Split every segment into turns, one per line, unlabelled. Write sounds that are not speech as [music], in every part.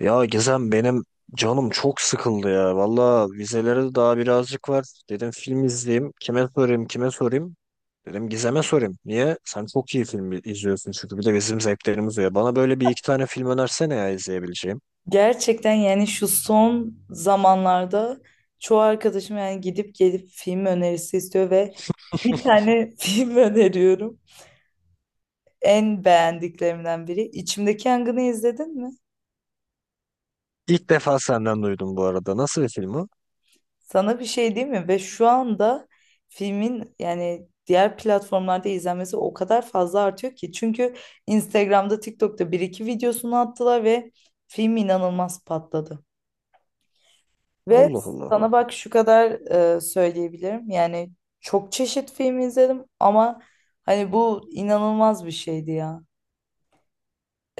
Ya Gizem benim canım çok sıkıldı ya. Valla vizelere daha birazcık var. Dedim film izleyeyim. Kime sorayım, kime sorayım? Dedim Gizem'e sorayım. Niye? Sen çok iyi film izliyorsun çünkü bir de bizim zevklerimiz var. Bana böyle bir iki tane film önersene ya izleyebileceğim.
Gerçekten yani şu son zamanlarda çoğu arkadaşım yani gidip gelip film önerisi istiyor ve bir tane [laughs] film öneriyorum. En beğendiklerimden biri. İçimdeki Yangın'ı izledin mi?
İlk defa senden duydum bu arada. Nasıl bir film o?
Sana bir şey değil mi? Ve şu anda filmin yani diğer platformlarda izlenmesi o kadar fazla artıyor ki. Çünkü Instagram'da, TikTok'ta bir iki videosunu attılar ve film inanılmaz patladı. Ve
Allah Allah.
sana bak şu kadar söyleyebilirim. Yani çok çeşit film izledim ama hani bu inanılmaz bir şeydi ya.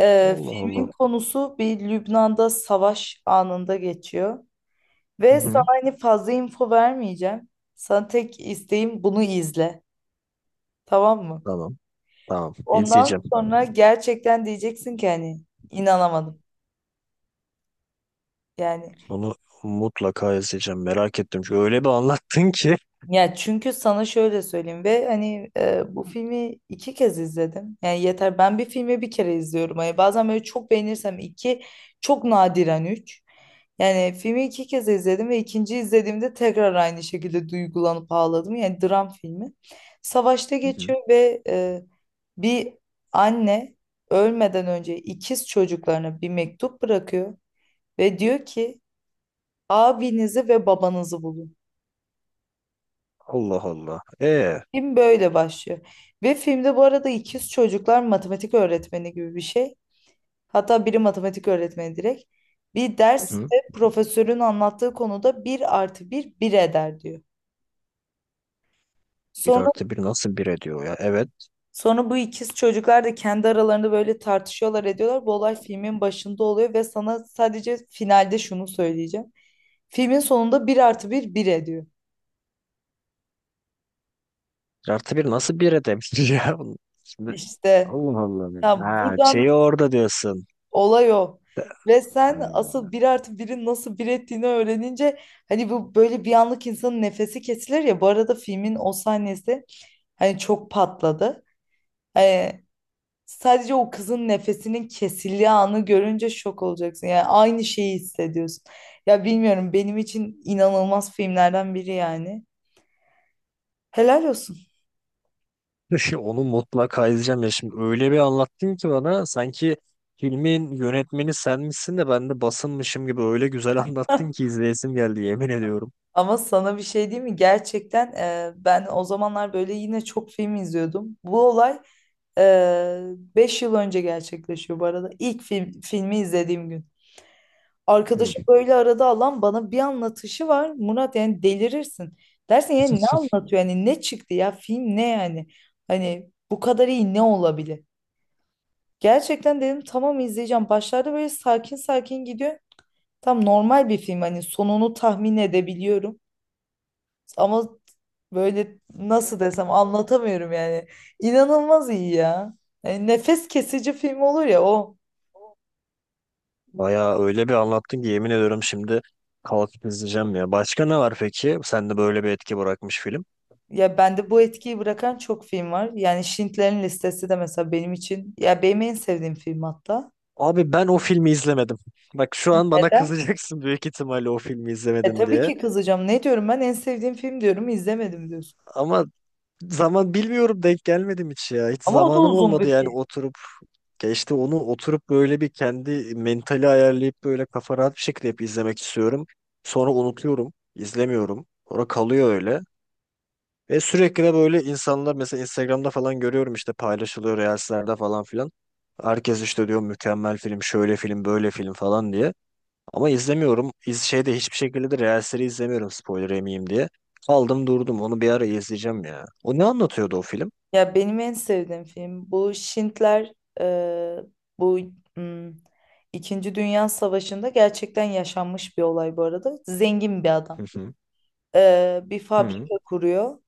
Allah Allah.
Filmin konusu bir Lübnan'da savaş anında geçiyor.
Hı
Ve sana
hı.
hani fazla info vermeyeceğim. Sana tek isteğim bunu izle. Tamam mı?
Tamam. Tamam.
Ondan
İzleyeceğim.
sonra gerçekten diyeceksin ki hani inanamadım. Yani.
Bunu mutlaka izleyeceğim. Merak ettim. Çünkü öyle bir anlattın ki.
Ya çünkü sana şöyle söyleyeyim ve hani bu filmi iki kez izledim. Yani yeter, ben bir filmi bir kere izliyorum. Hani bazen böyle çok beğenirsem iki, çok nadiren üç. Yani filmi iki kez izledim ve ikinci izlediğimde tekrar aynı şekilde duygulanıp ağladım. Yani dram filmi. Savaşta
Hı hı.
geçiyor ve bir anne ölmeden önce ikiz çocuklarına bir mektup bırakıyor ve diyor ki abinizi ve babanızı bulun.
Allah Allah.
Film böyle başlıyor. Ve filmde bu arada ikiz çocuklar matematik öğretmeni gibi bir şey. Hatta biri matematik öğretmeni direkt. Bir
Hı. hı.
derste profesörün anlattığı konuda bir artı bir bir eder diyor.
Bir
Sonra
artı bir nasıl bir ediyor ya? Evet.
sonra bu ikiz çocuklar da kendi aralarında böyle tartışıyorlar, ediyorlar. Bu olay filmin başında oluyor ve sana sadece finalde şunu söyleyeceğim. Filmin sonunda bir artı bir bir ediyor.
Bir artı bir nasıl bir edebilir [laughs] ya? Şimdi
İşte,
Allah Allah.
ya,
Ha, şeyi
buradan...
orada diyorsun.
Olay o. Ve sen
Ha.
asıl bir artı birin nasıl bir ettiğini öğrenince hani bu böyle bir anlık insanın nefesi kesilir ya. Bu arada filmin o sahnesi hani çok patladı. Ee, Sadece o kızın nefesinin kesildiği anı görünce şok olacaksın. Yani aynı şeyi hissediyorsun. Ya bilmiyorum, benim için inanılmaz filmlerden biri yani. Helal olsun.
[laughs] Onu mutlaka izleyeceğim ya şimdi öyle bir anlattın ki bana sanki filmin yönetmeni sen misin de ben de basınmışım gibi öyle güzel [laughs] anlattın
[laughs]
ki izleyesim geldi yemin ediyorum.
Ama sana bir şey diyeyim mi? Gerçekten ben o zamanlar böyle yine çok film izliyordum. Bu olay 5 yıl önce gerçekleşiyor bu arada. İlk film, filmi izlediğim gün.
Hı.
Arkadaşım böyle arada alan bana bir anlatışı var. Murat, yani delirirsin. Dersin, yani ne
[laughs]
anlatıyor? Yani ne çıktı ya? Film ne yani? Hani bu kadar iyi ne olabilir? Gerçekten dedim, tamam, izleyeceğim. Başlarda böyle sakin sakin gidiyor. Tam normal bir film, hani sonunu tahmin edebiliyorum. Ama böyle nasıl desem, anlatamıyorum yani. İnanılmaz iyi ya. Yani nefes kesici film olur ya o.
Bayağı öyle bir anlattın ki yemin ediyorum şimdi kalkıp izleyeceğim ya. Başka ne var peki? Sende böyle bir etki bırakmış film.
Ya bende bu etkiyi bırakan çok film var. Yani Schindler'in Listesi de mesela benim için, ya benim en sevdiğim film hatta.
Abi ben o filmi izlemedim. Bak şu an bana
Neden?
kızacaksın büyük ihtimalle o filmi izlemedin
Tabii
diye.
ki kızacağım. Ne diyorum ben, en sevdiğim film diyorum, izlemedim diyorsun.
Ama zaman bilmiyorum denk gelmedim hiç ya. Hiç
Ama o da
zamanım
uzun
olmadı
bir
yani
film.
oturup. Ya işte onu oturup böyle bir kendi mentali ayarlayıp böyle kafa rahat bir şekilde hep izlemek istiyorum. Sonra unutuyorum, izlemiyorum. Sonra kalıyor öyle. Ve sürekli de böyle insanlar mesela Instagram'da falan görüyorum işte paylaşılıyor Reels'lerde falan filan. Herkes işte diyor mükemmel film, şöyle film, böyle film falan diye. Ama izlemiyorum. Şeyde hiçbir şekilde de Reels'leri izlemiyorum spoiler yemeyeyim diye. Aldım durdum. Onu bir ara izleyeceğim ya. O ne anlatıyordu o film?
Ya benim en sevdiğim film bu Schindler, e, bu hmm, İkinci Dünya Savaşı'nda gerçekten yaşanmış bir olay bu arada. Zengin bir
Hı
adam.
hı.
Bir
Hı.
fabrika kuruyor.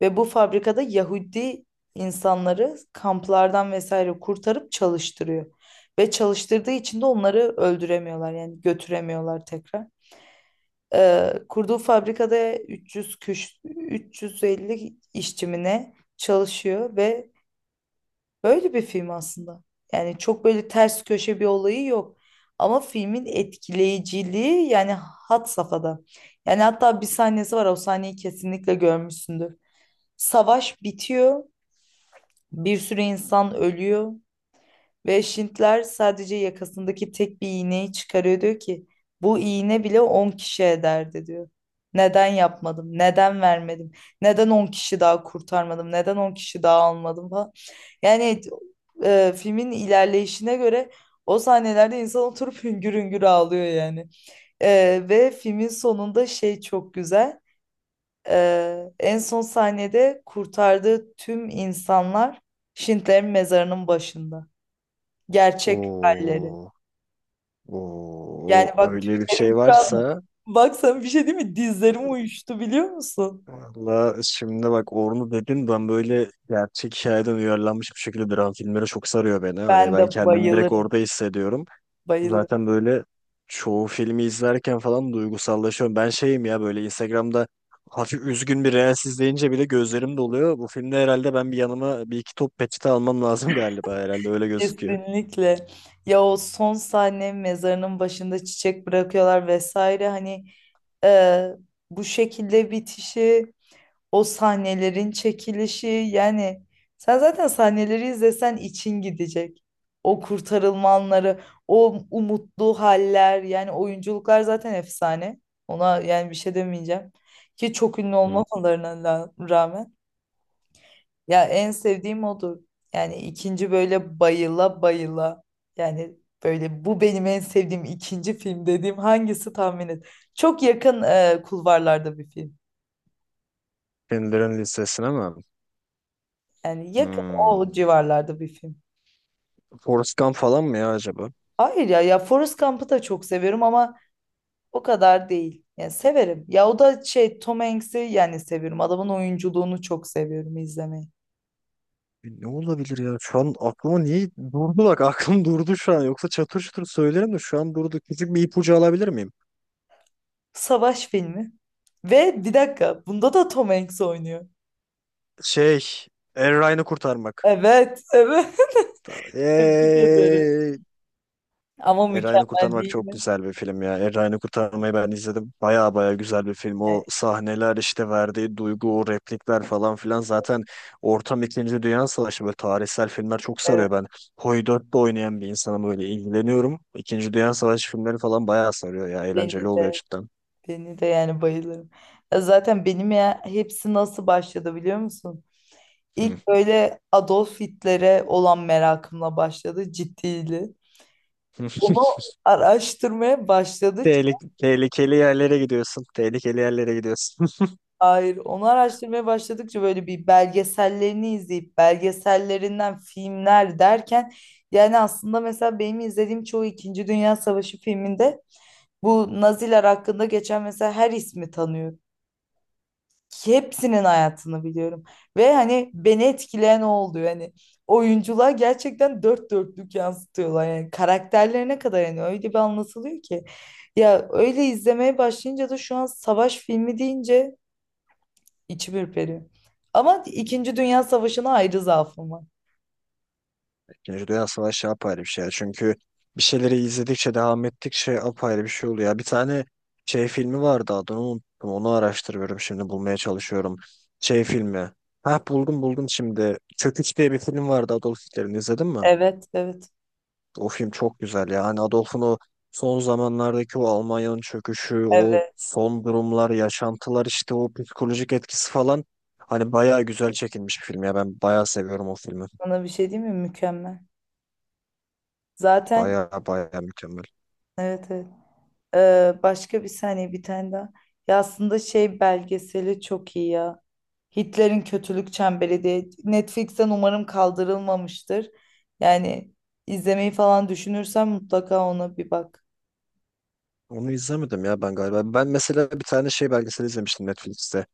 Ve bu fabrikada Yahudi insanları kamplardan vesaire kurtarıp çalıştırıyor. Ve çalıştırdığı için de onları öldüremiyorlar, yani götüremiyorlar tekrar. Kurduğu fabrikada 300 küş, 350 işçimine çalışıyor ve böyle bir film aslında. Yani çok böyle ters köşe bir olayı yok. Ama filmin etkileyiciliği yani had safhada. Yani hatta bir sahnesi var, o sahneyi kesinlikle görmüşsündür. Savaş bitiyor, bir sürü insan ölüyor ve Şintler sadece yakasındaki tek bir iğneyi çıkarıyor, diyor ki bu iğne bile 10 kişi ederdi diyor. Neden yapmadım? Neden vermedim? Neden 10 kişi daha kurtarmadım? Neden 10 kişi daha almadım falan. Yani filmin ilerleyişine göre o sahnelerde insan oturup hüngür hüngür ağlıyor yani. Ve filmin sonunda şey çok güzel. En son sahnede kurtardığı tüm insanlar Schindler'in mezarının başında. Gerçek halleri.
Oo.
Yani
Oo,
bak,
öyle bir
tüylerim
şey
şu an,
varsa
bak sana bir şey değil mi? Dizlerim uyuştu biliyor musun?
valla şimdi bak onu dedin ben böyle gerçek hikayeden uyarlanmış bir şekilde dram filmleri çok sarıyor beni. Hani
Ben
ben
de
kendimi direkt
bayılırım.
orada hissediyorum.
Bayılırım.
Zaten böyle çoğu filmi izlerken falan duygusallaşıyorum. Ben şeyim ya böyle Instagram'da hafif üzgün bir reels izleyince bile gözlerim doluyor. Bu filmde herhalde ben bir yanıma bir iki top peçete almam lazım [laughs] galiba herhalde öyle gözüküyor.
Kesinlikle. Ya o son sahne mezarının başında çiçek bırakıyorlar vesaire, hani e, bu şekilde bitişi. O sahnelerin çekilişi yani, sen zaten sahneleri izlesen için gidecek. O kurtarılma anları, o umutlu haller, yani oyunculuklar zaten efsane. Ona yani bir şey demeyeceğim. Ki çok ünlü
Hı.
olmamalarına rağmen. Ya en sevdiğim odur. Yani ikinci, böyle bayıla bayıla. Yani böyle bu benim en sevdiğim ikinci film dediğim hangisi, tahmin et. Çok yakın, kulvarlarda bir film.
Filmlerin listesine mi?
Yani yakın,
Hmm.
o civarlarda bir film.
Forrest Gump falan mı ya acaba?
Hayır, ya Forrest Gump'ı da çok seviyorum ama o kadar değil. Yani severim. Ya o da şey, Tom Hanks'i yani seviyorum. Adamın oyunculuğunu çok seviyorum izlemeyi.
Ne olabilir ya? Şu an aklıma niye durdu bak [laughs] aklım durdu şu an. Yoksa çatır çatır söylerim de şu an durdu. Küçük bir ipucu alabilir miyim?
Savaş filmi. Ve bir dakika, bunda da Tom Hanks oynuyor.
Şey, Erryan'ı kurtarmak.
Evet, evet. [laughs] Tebrik ederim.
Eee,
Ama
Erryan'ı
mükemmel
kurtarmak
değil
çok
mi?
güzel bir film ya. Erryan'ı kurtarmayı ben izledim. Baya baya güzel bir film. O
Yani,
sahneler işte verdiği duygu, o replikler falan filan. Zaten ortam İkinci Dünya Savaşı böyle tarihsel filmler çok
evet,
sarıyor ben. Hoydört'te oynayan bir insanım böyle ilgileniyorum. İkinci Dünya Savaşı filmleri falan baya sarıyor ya. Eğlenceli
beni
oluyor
de
cidden.
beni de yani bayılırım. Ya zaten benim, ya hepsi nasıl başladı biliyor musun?
Hı.
İlk böyle Adolf Hitler'e olan merakımla başladı, ciddiydi. Onu
[laughs]
araştırmaya başladıkça,
Tehlikeli yerlere gidiyorsun. Tehlikeli yerlere gidiyorsun.
hayır, onu araştırmaya başladıkça böyle bir belgesellerini izleyip belgesellerinden filmler derken, yani aslında mesela benim izlediğim çoğu İkinci Dünya Savaşı filminde bu Naziler hakkında geçen mesela her ismi tanıyorum. Hepsinin hayatını biliyorum. Ve hani beni etkileyen o oldu. Yani oyunculuğa gerçekten dört dörtlük yansıtıyorlar. Yani karakterlerine kadar, yani öyle bir anlatılıyor ki. Ya öyle izlemeye başlayınca da şu an savaş filmi deyince içim ürperiyor. Ama İkinci Dünya Savaşı'na ayrı zaafım var.
[laughs] İkinci Dünya Savaşı apayrı bir şey, ya. Çünkü bir şeyleri izledikçe, devam ettikçe apayrı bir şey oluyor. Bir tane şey filmi vardı adını unuttum. Onu araştırıyorum şimdi bulmaya çalışıyorum. Şey filmi. Ha buldum buldum şimdi. Çöküş diye bir film vardı, Adolf Hitler'in, izledin mi?
Evet, evet.
O film çok güzel ya. Hani Adolf'un o son zamanlardaki o Almanya'nın çöküşü, o
Evet.
son durumlar, yaşantılar işte o psikolojik etkisi falan, hani bayağı güzel çekilmiş bir film ya. Ben bayağı seviyorum o filmi.
Sana bir şey diyeyim mi? Mükemmel. Zaten
Bayağı bayağı mükemmel.
evet, evet. Başka bir saniye, bir tane daha. Ya aslında şey belgeseli çok iyi ya. Hitler'in Kötülük Çemberi diye. Netflix'ten umarım kaldırılmamıştır. Yani izlemeyi falan düşünürsen mutlaka ona bir bak.
Onu izlemedim ya ben galiba. Ben mesela bir tane şey belgesel izlemiştim Netflix'te.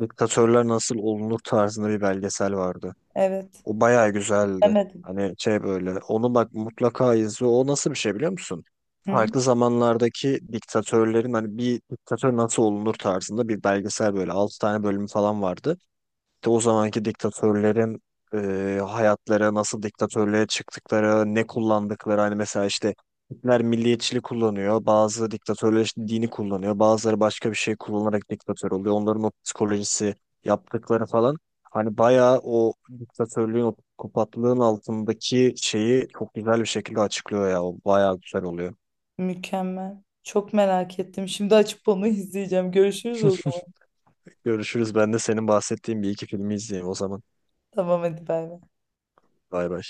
Diktatörler nasıl olunur tarzında bir belgesel vardı.
Evet.
O bayağı güzeldi.
Demedim.
Hani şey böyle onu bak mutlaka izle. O nasıl bir şey biliyor musun?
Hı hı.
Farklı zamanlardaki diktatörlerin hani bir diktatör nasıl olunur tarzında bir belgesel böyle 6 tane bölümü falan vardı. İşte o zamanki diktatörlerin hayatları nasıl diktatörlüğe çıktıkları, ne kullandıkları hani mesela işte Hitler milliyetçilik kullanıyor, bazı diktatörler işte dini kullanıyor, bazıları başka bir şey kullanarak diktatör oluyor. Onların o psikolojisi, yaptıkları falan hani bayağı o diktatörlüğün, o psikopatlığın altındaki şeyi çok güzel bir şekilde açıklıyor ya. O bayağı güzel oluyor.
Mükemmel. Çok merak ettim. Şimdi açıp onu [laughs] izleyeceğim. Görüşürüz o zaman.
Görüşürüz. Ben de senin bahsettiğin bir iki filmi izleyeyim o zaman.
Tamam, hadi bay bay.
Bay bay.